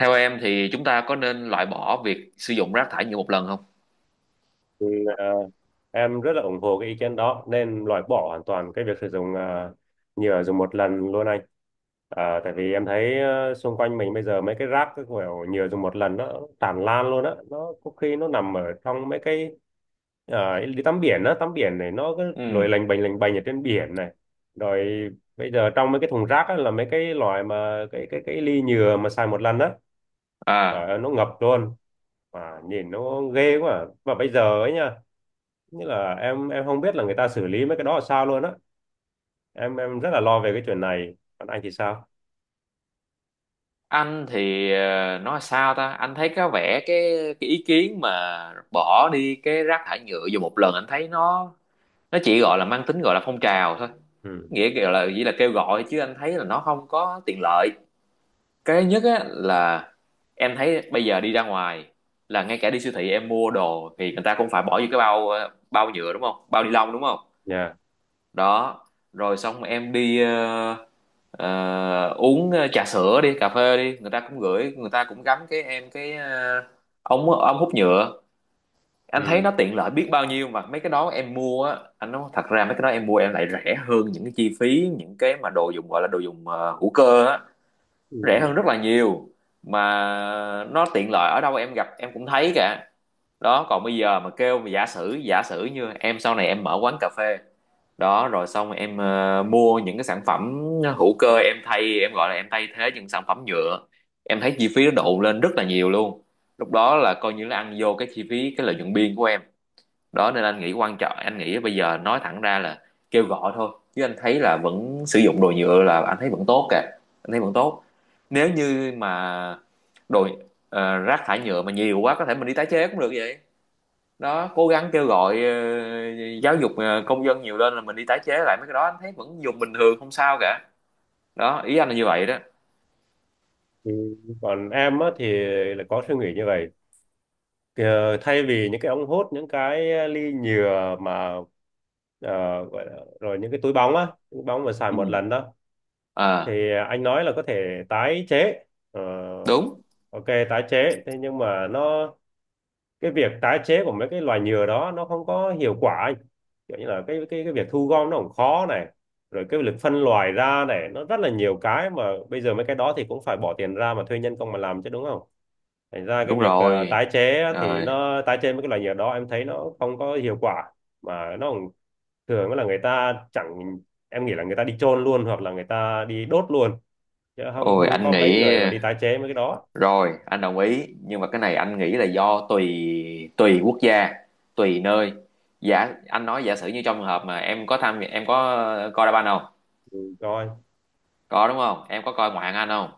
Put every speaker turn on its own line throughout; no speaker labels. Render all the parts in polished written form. Theo em thì chúng ta có nên loại bỏ việc sử dụng rác thải nhựa một lần không?
Ừ, à, em rất là ủng hộ cái ý kiến đó nên loại bỏ hoàn toàn cái việc sử dụng nhựa dùng một lần luôn anh. Tại vì em thấy xung quanh mình bây giờ mấy cái rác cái kiểu nhựa dùng một lần nó tràn lan luôn á, nó có khi nó nằm ở trong mấy cái đi tắm biển á, tắm biển này nó cứ
Ừ.
lội lành bềnh ở trên biển này, rồi bây giờ trong mấy cái thùng rác á, là mấy cái loại mà cái ly nhựa mà xài một lần á, trời
À,
ơi nó ngập luôn, mà nhìn nó ghê quá à. Mà bây giờ ấy nha, nghĩa là em không biết là người ta xử lý mấy cái đó là sao luôn á. Em rất là lo về cái chuyện này. Còn anh thì sao?
anh thì nói sao ta? Anh thấy có vẻ cái ý kiến mà bỏ đi cái rác thải nhựa dùng một lần anh thấy nó chỉ gọi là mang tính gọi là phong trào thôi.
Ừ.
Nghĩa gọi là chỉ là kêu gọi chứ anh thấy là nó không có tiện lợi. Cái nhất á là em thấy bây giờ đi ra ngoài, là ngay cả đi siêu thị em mua đồ thì người ta cũng phải bỏ vô cái bao, bao nhựa, đúng không? Bao ni lông, đúng không?
Dạ.
Đó, rồi xong em đi uống trà sữa, đi cà phê, đi người ta cũng gửi, người ta cũng gắm cái em cái ống ống hút nhựa. Anh thấy
Ừ.
nó tiện lợi biết bao nhiêu, mà mấy cái đó em mua á, anh nói thật ra mấy cái đó em mua em lại rẻ hơn những cái chi phí những cái mà đồ dùng gọi là đồ dùng hữu cơ á, rẻ
Ừ.
hơn rất là nhiều, mà nó tiện lợi ở đâu em gặp em cũng thấy cả. Đó, còn bây giờ mà kêu, mà giả sử, như em sau này em mở quán cà phê, đó rồi xong rồi em mua những cái sản phẩm hữu cơ, em thay, em gọi là em thay thế những sản phẩm nhựa, em thấy chi phí nó độn lên rất là nhiều luôn. Lúc đó là coi như là ăn vô cái chi phí, cái lợi nhuận biên của em. Đó nên anh nghĩ quan trọng, anh nghĩ bây giờ nói thẳng ra là kêu gọi thôi, chứ anh thấy là vẫn sử dụng đồ nhựa là anh thấy vẫn tốt kìa, anh thấy vẫn tốt. Nếu như mà đồ, rác thải nhựa mà nhiều quá có thể mình đi tái chế cũng được vậy. Đó, cố gắng kêu gọi, giáo dục, công dân nhiều lên là mình đi tái chế lại mấy cái đó anh thấy vẫn dùng bình thường không sao cả. Đó, ý anh là như vậy đó.
Ừ. Còn em á thì lại có suy nghĩ như vậy. Kìa, thay vì những cái ống hút, những cái ly nhựa mà ờ, gọi là, rồi những cái túi bóng á, túi bóng mà xài
Ừ.
một lần đó
À.
thì anh nói là có thể tái chế. Ờ,
Đúng.
ok, tái chế. Thế nhưng mà nó, cái việc tái chế của mấy cái loài nhựa đó nó không có hiệu quả anh, kiểu như là cái việc thu gom nó cũng khó này, rồi cái việc phân loại ra này nó rất là nhiều cái, mà bây giờ mấy cái đó thì cũng phải bỏ tiền ra mà thuê nhân công mà làm chứ đúng không, thành ra cái
Đúng
việc
rồi.
tái chế á, thì
Rồi.
nó tái chế mấy cái loài nhựa đó em thấy nó không có hiệu quả. Mà nó cũng thường là người ta chẳng, em nghĩ là người ta đi chôn luôn hoặc là người ta đi đốt luôn, chứ không
Ôi
không
anh
có
nghĩ,
mấy người mà đi tái chế mấy cái đó.
rồi anh đồng ý, nhưng mà cái này anh nghĩ là do tùy, quốc gia, tùy nơi. Giả anh nói giả sử như trong trường hợp mà em có tham, em có coi đá banh không?
Ừ, rồi
Có đúng không? Em có coi ngoại hạng Anh không?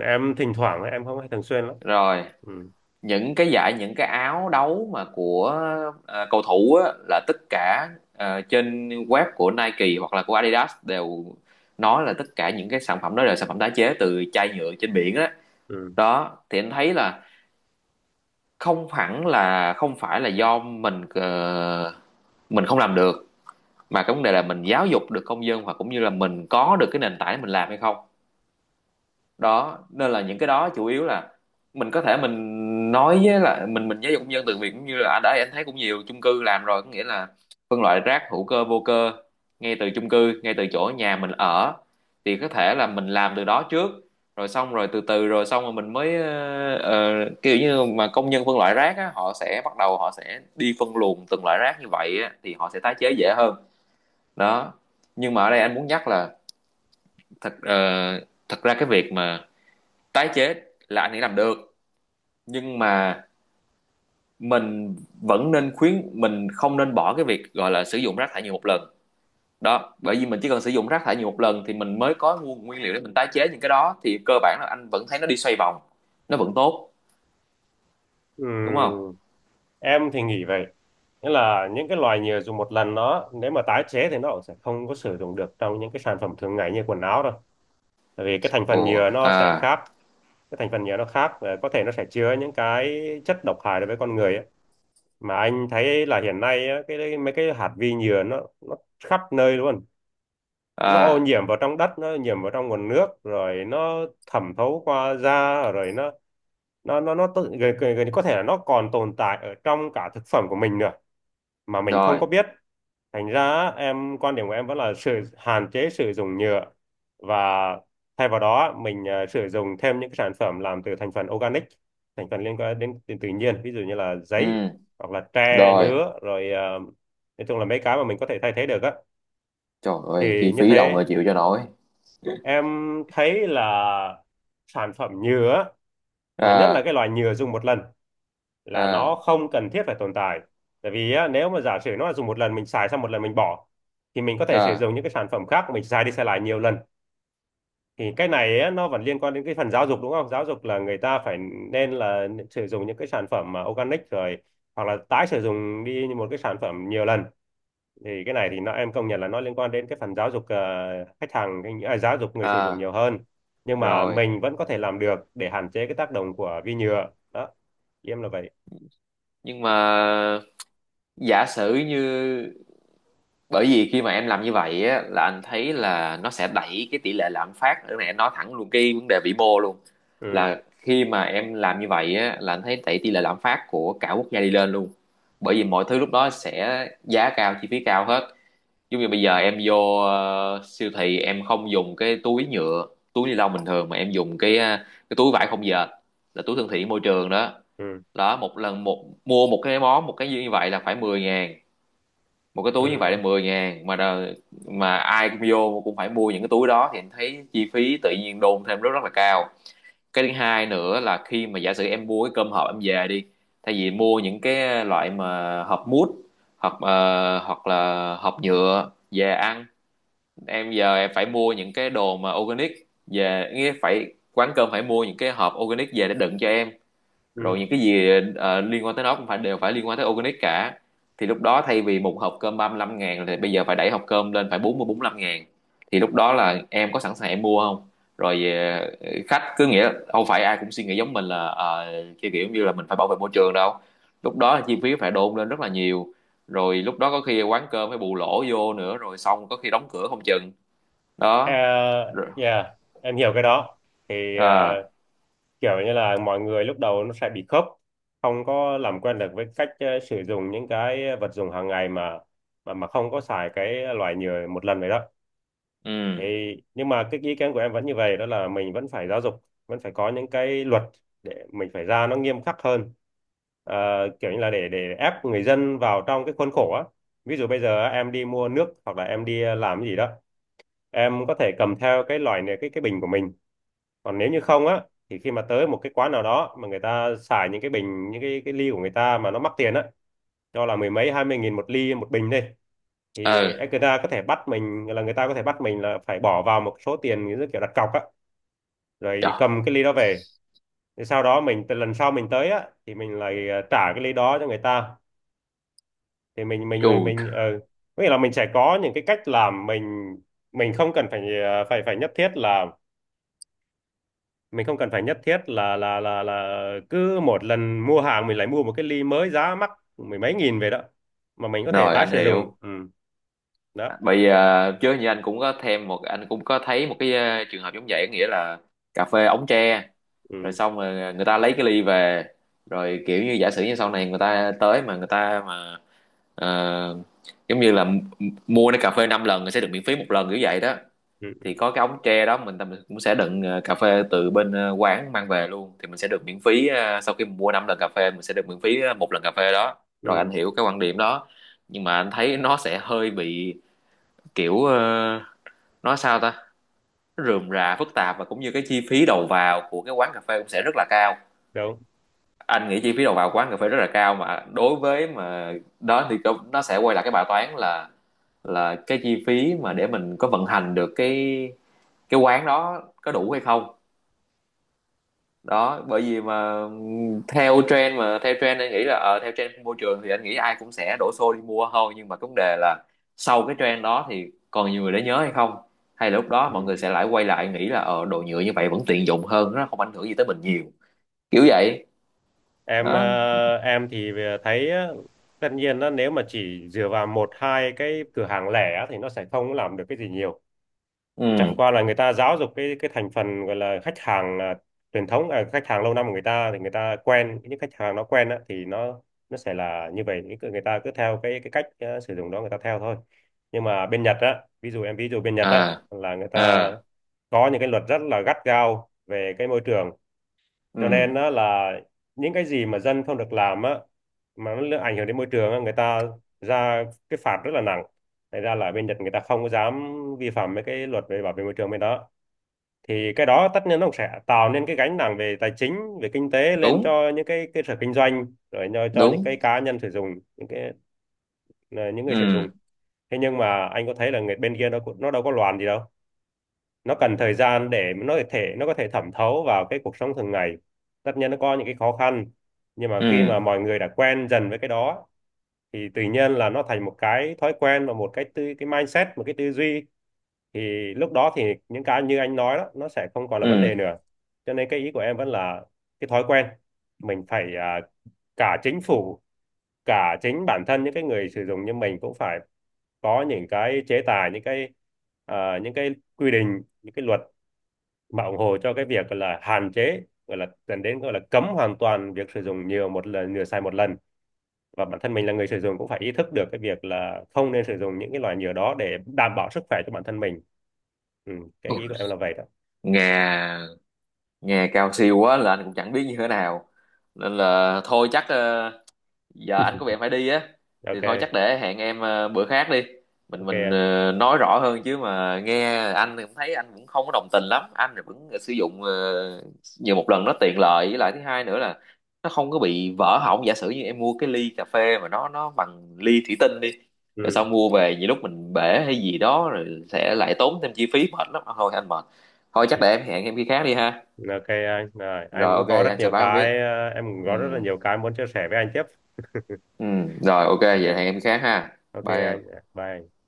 em thỉnh thoảng em không hay thường xuyên lắm.
Rồi
Ừ.
những cái giải, những cái áo đấu mà của, cầu thủ á, là tất cả, trên web của Nike hoặc là của Adidas đều nói là tất cả những cái sản phẩm đó là sản phẩm tái chế từ chai nhựa trên biển á.
Ừ.
Đó thì anh thấy là không hẳn, là không phải là do mình, mình không làm được, mà cái vấn đề là mình giáo dục được công dân, hoặc cũng như là mình có được cái nền tảng để mình làm hay không. Đó nên là những cái đó chủ yếu là mình có thể mình nói với là mình giáo dục công dân từ việc, cũng như là ở đây anh thấy cũng nhiều chung cư làm rồi, có nghĩa là phân loại rác hữu cơ, vô cơ, ngay từ chung cư, ngay từ chỗ nhà mình ở, thì có thể là mình làm từ đó trước, rồi xong rồi từ từ, rồi xong rồi mình mới kiểu như mà công nhân phân loại rác á, họ sẽ bắt đầu họ sẽ đi phân luồng từng loại rác như vậy á, thì họ sẽ tái chế dễ hơn. Đó, nhưng mà ở đây anh muốn nhắc là thật, thật ra cái việc mà tái chế là anh ấy làm được, nhưng mà mình vẫn nên khuyến, mình không nên bỏ cái việc gọi là sử dụng rác thải nhựa một lần. Đó, bởi vì mình chỉ cần sử dụng rác thải nhựa một lần thì mình mới có nguồn nguyên liệu để mình tái chế những cái đó, thì cơ bản là anh vẫn thấy nó đi xoay vòng, nó vẫn tốt, đúng không?
Ừm, em thì nghĩ vậy, nghĩa là những cái loài nhựa dùng một lần nó nếu mà tái chế thì nó cũng sẽ không có sử dụng được trong những cái sản phẩm thường ngày như quần áo đâu, tại vì cái thành phần
Ồ.
nhựa nó sẽ
À.
khác. Cái thành phần nhựa nó khác và có thể nó sẽ chứa những cái chất độc hại đối với con người ấy. Mà anh thấy là hiện nay á, cái mấy cái hạt vi nhựa nó khắp nơi luôn, nó ô
À.
nhiễm vào trong đất, nó ô nhiễm vào trong nguồn nước, rồi nó thẩm thấu qua da, rồi nó gần như có thể là nó còn tồn tại ở trong cả thực phẩm của mình nữa mà mình không
Rồi.
có biết. Thành ra em, quan điểm của em vẫn là sự hạn chế sử dụng nhựa, và thay vào đó mình sử dụng thêm những cái sản phẩm làm từ thành phần organic, thành phần liên quan đến tự nhiên, ví dụ như là
Ừ.
giấy, hoặc là tre
Rồi.
nứa, rồi nói chung là mấy cái mà mình có thể thay thế được á,
Trời ơi,
thì
chi
như
phí đâu
thế
mà chịu cho nổi.
em thấy là sản phẩm nhựa mà nhất là
À.
cái loại nhựa dùng một lần là nó
À.
không cần thiết phải tồn tại. Tại vì á, nếu mà giả sử nó là dùng một lần, mình xài xong một lần mình bỏ, thì mình có thể sử
À.
dụng những cái sản phẩm khác mình xài đi xài lại nhiều lần, thì cái này á, nó vẫn liên quan đến cái phần giáo dục đúng không, giáo dục là người ta phải, nên là sử dụng những cái sản phẩm mà organic, rồi hoặc là tái sử dụng đi một cái sản phẩm nhiều lần, thì cái này thì nó, em công nhận là nó liên quan đến cái phần giáo dục khách hàng giáo dục người sử dụng
À.
nhiều hơn, nhưng mà
Rồi.
mình vẫn có thể làm được để hạn chế cái tác động của vi nhựa đó. Em là vậy.
Nhưng mà giả sử như, bởi vì khi mà em làm như vậy á, là anh thấy là nó sẽ đẩy cái tỷ lệ lạm phát, cái này em nói thẳng luôn cái vấn đề vĩ mô luôn,
Ừ.
là khi mà em làm như vậy á, là anh thấy đẩy tỷ lệ lạm phát của cả quốc gia đi lên luôn, bởi vì mọi thứ lúc đó sẽ giá cao, chi phí cao hết. Giống như bây giờ em vô, siêu thị em không dùng cái túi nhựa, túi ni lông bình thường, mà em dùng cái, cái túi vải không dệt, là túi thân thiện môi trường đó.
Ừ.
Đó, một lần, một mua, một cái món, một cái như vậy là phải 10 ngàn, một cái túi như vậy
Ừ.
là 10 ngàn, mà mà ai cũng vô cũng phải mua những cái túi đó thì em thấy chi phí tự nhiên đôn thêm rất rất là cao. Cái thứ hai nữa là khi mà giả sử em mua cái cơm hộp em về đi, thay vì mua những cái loại mà hộp mút, hoặc hoặc là hộp nhựa về ăn, em giờ em phải mua những cái đồ mà organic về, nghĩa phải quán cơm phải mua những cái hộp organic về để đựng cho em. Rồi
Ừ.
những cái gì liên quan tới nó cũng phải, đều phải liên quan tới organic cả. Thì lúc đó thay vì một hộp cơm 35 ngàn thì bây giờ phải đẩy hộp cơm lên phải 40 lăm ngàn, thì lúc đó là em có sẵn sàng em mua không? Rồi, khách cứ, nghĩa không phải ai cũng suy nghĩ giống mình là, kiểu kiểu như là mình phải bảo vệ môi trường đâu. Lúc đó là chi phí phải đôn lên rất là nhiều. Rồi lúc đó có khi quán cơm phải bù lỗ vô nữa, rồi xong có khi đóng cửa không chừng.
Ờ,
Đó. Rồi.
yeah, em hiểu cái đó. Thì
À.
kiểu như là mọi người lúc đầu nó sẽ bị khớp, không có làm quen được với cách sử dụng những cái vật dụng hàng ngày mà mà không có xài cái loại nhựa một lần vậy đó.
Ừ.
Thì nhưng mà cái ý kiến của em vẫn như vậy đó, là mình vẫn phải giáo dục, vẫn phải có những cái luật để mình phải ra nó nghiêm khắc hơn. Ờ, kiểu như là để ép người dân vào trong cái khuôn khổ á, ví dụ bây giờ á, em đi mua nước hoặc là em đi làm cái gì đó, em có thể cầm theo cái loại này, cái bình của mình. Còn nếu như không á, thì khi mà tới một cái quán nào đó mà người ta xài những cái bình, những cái ly của người ta mà nó mắc tiền á, cho là mười mấy hai mươi nghìn một ly một bình đi, thì
Ừ.
người ta có thể bắt mình, là người ta có thể bắt mình là phải bỏ vào một số tiền như kiểu đặt cọc á, rồi
Trời.
cầm cái ly đó về, thì sau đó mình, từ lần sau mình tới á thì mình lại trả cái ly đó cho người ta. Thì
Chù.
mình ờ, có nghĩa là mình sẽ có những cái cách làm, mình không cần phải phải phải nhất thiết là, mình không cần phải nhất thiết là là cứ một lần mua hàng mình lại mua một cái ly mới giá mắc mười mấy nghìn về đó, mà mình có thể
Rồi
tái
anh
sử dụng.
hiểu.
Ừ. Đó.
Bởi vì, chứ như anh cũng có thêm một, anh cũng có thấy một cái, trường hợp giống vậy, nghĩa là cà phê ống tre, rồi
Ừ.
xong rồi người ta lấy cái ly về, rồi kiểu như giả sử như sau này người ta tới mà người ta mà, ờ, giống như là mua cái cà phê 5 lần sẽ được miễn phí một lần, kiểu vậy đó.
Ừ. Ừ.
Thì có cái ống tre đó, mình cũng sẽ đựng cà phê từ bên, quán mang về luôn, thì mình sẽ được miễn phí, sau khi mình mua 5 lần cà phê mình sẽ được miễn phí, một lần cà phê đó. Rồi
Ừ,
anh hiểu cái quan điểm đó, nhưng mà anh thấy nó sẽ hơi bị kiểu, nói sao ta? Nó rườm rà, phức tạp, và cũng như cái chi phí đầu vào của cái quán cà phê cũng sẽ rất là cao.
đúng.
Anh nghĩ chi phí đầu vào quán cà phê rất là cao, mà đối với mà, đó thì nó sẽ quay lại cái bài toán là, cái chi phí mà để mình có vận hành được cái quán đó có đủ hay không. Đó, bởi vì mà theo trend, mà theo trend anh nghĩ là, theo trend của môi trường thì anh nghĩ ai cũng sẽ đổ xô đi mua thôi, nhưng mà cái vấn đề là sau cái trend đó thì còn nhiều người để nhớ hay không, hay là lúc đó
Ừ.
mọi người sẽ lại quay lại nghĩ là, ờ, đồ nhựa như vậy vẫn tiện dụng hơn, nó không ảnh hưởng gì tới mình nhiều, kiểu vậy
Em
đó.
em thì thấy á, tất nhiên á, nếu mà chỉ dựa vào một hai cái cửa hàng lẻ á, thì nó sẽ không làm được cái gì nhiều, chẳng
Ừ.
qua là người ta giáo dục cái thành phần gọi là khách hàng truyền thống khách hàng lâu năm của người ta, thì người ta quen, những khách hàng nó quen á, thì nó sẽ là như vậy, những cái- người ta cứ theo cái cách sử dụng đó, người ta theo thôi. Nhưng mà bên Nhật á, ví dụ em ví dụ bên Nhật á,
À.
là người ta
À.
có những cái luật rất là gắt gao về cái môi trường, cho
Ừ.
nên đó là những cái gì mà dân không được làm á, mà nó ảnh hưởng đến môi trường á, người ta ra cái phạt rất là nặng. Thành ra là ở bên Nhật người ta không có dám vi phạm mấy cái luật về bảo vệ môi trường bên đó. Thì cái đó tất nhiên nó cũng sẽ tạo nên cái gánh nặng về tài chính, về kinh tế lên
Đúng.
cho những cái cơ sở kinh doanh, rồi cho những
Đúng.
cái cá nhân sử dụng, những cái những người
Ừ.
sử dụng. Thế nhưng mà anh có thấy là người bên kia nó cũng- nó đâu có loạn gì đâu, nó cần thời gian để nó có thể, nó có thể thẩm thấu vào cái cuộc sống thường ngày. Tất nhiên nó có những cái khó khăn, nhưng mà khi mà
Ừ.
mọi người đã quen dần với cái đó thì tự nhiên là nó thành một cái thói quen và một cái tư, cái mindset, một cái tư duy, thì lúc đó thì những cái như anh nói đó nó sẽ không còn là vấn đề
Ừ.
nữa. Cho nên cái ý của em vẫn là cái thói quen, mình phải cả chính phủ, cả chính bản thân những cái người sử dụng như mình cũng phải có những cái chế tài, những cái những cái quy định, những cái luật mà ủng hộ cho cái việc gọi là hạn chế, gọi là dẫn đến gọi là cấm hoàn toàn việc sử dụng nhiều một lần, nhựa xài một lần. Và bản thân mình là người sử dụng cũng phải ý thức được cái việc là không nên sử dụng những cái loại nhựa đó để đảm bảo sức khỏe cho bản thân mình. Ừ, cái ý của
Ui,
em là vậy đó.
nghe nghe cao siêu quá là anh cũng chẳng biết như thế nào, nên là thôi chắc, giờ anh có việc phải đi á, thì thôi
Ok.
chắc để hẹn em, bữa khác đi, mình
Ok.
nói rõ hơn. Chứ mà nghe anh thì cũng thấy anh cũng không có đồng tình lắm, anh thì vẫn sử dụng, nhiều một lần, nó tiện lợi, với lại thứ hai nữa là nó không có bị vỡ hỏng. Giả sử như em mua cái ly cà phê mà nó bằng ly thủy tinh đi, rồi
Ừ.
xong mua về nhiều lúc mình bể hay gì đó rồi sẽ lại tốn thêm chi phí, mệt lắm, thôi anh mệt. Thôi chắc để em hẹn em khi khác đi ha.
Ok anh, rồi anh
Rồi,
cũng
ok
có rất
anh sẽ
nhiều
báo em
cái,
biết.
em cũng
Ừ.
có rất là nhiều cái muốn chia sẻ với anh tiếp.
Ừ. Rồi, ok vậy hẹn
Ok,
em khi khác ha,
ok
bye
anh,
em.
dạ, bye anh.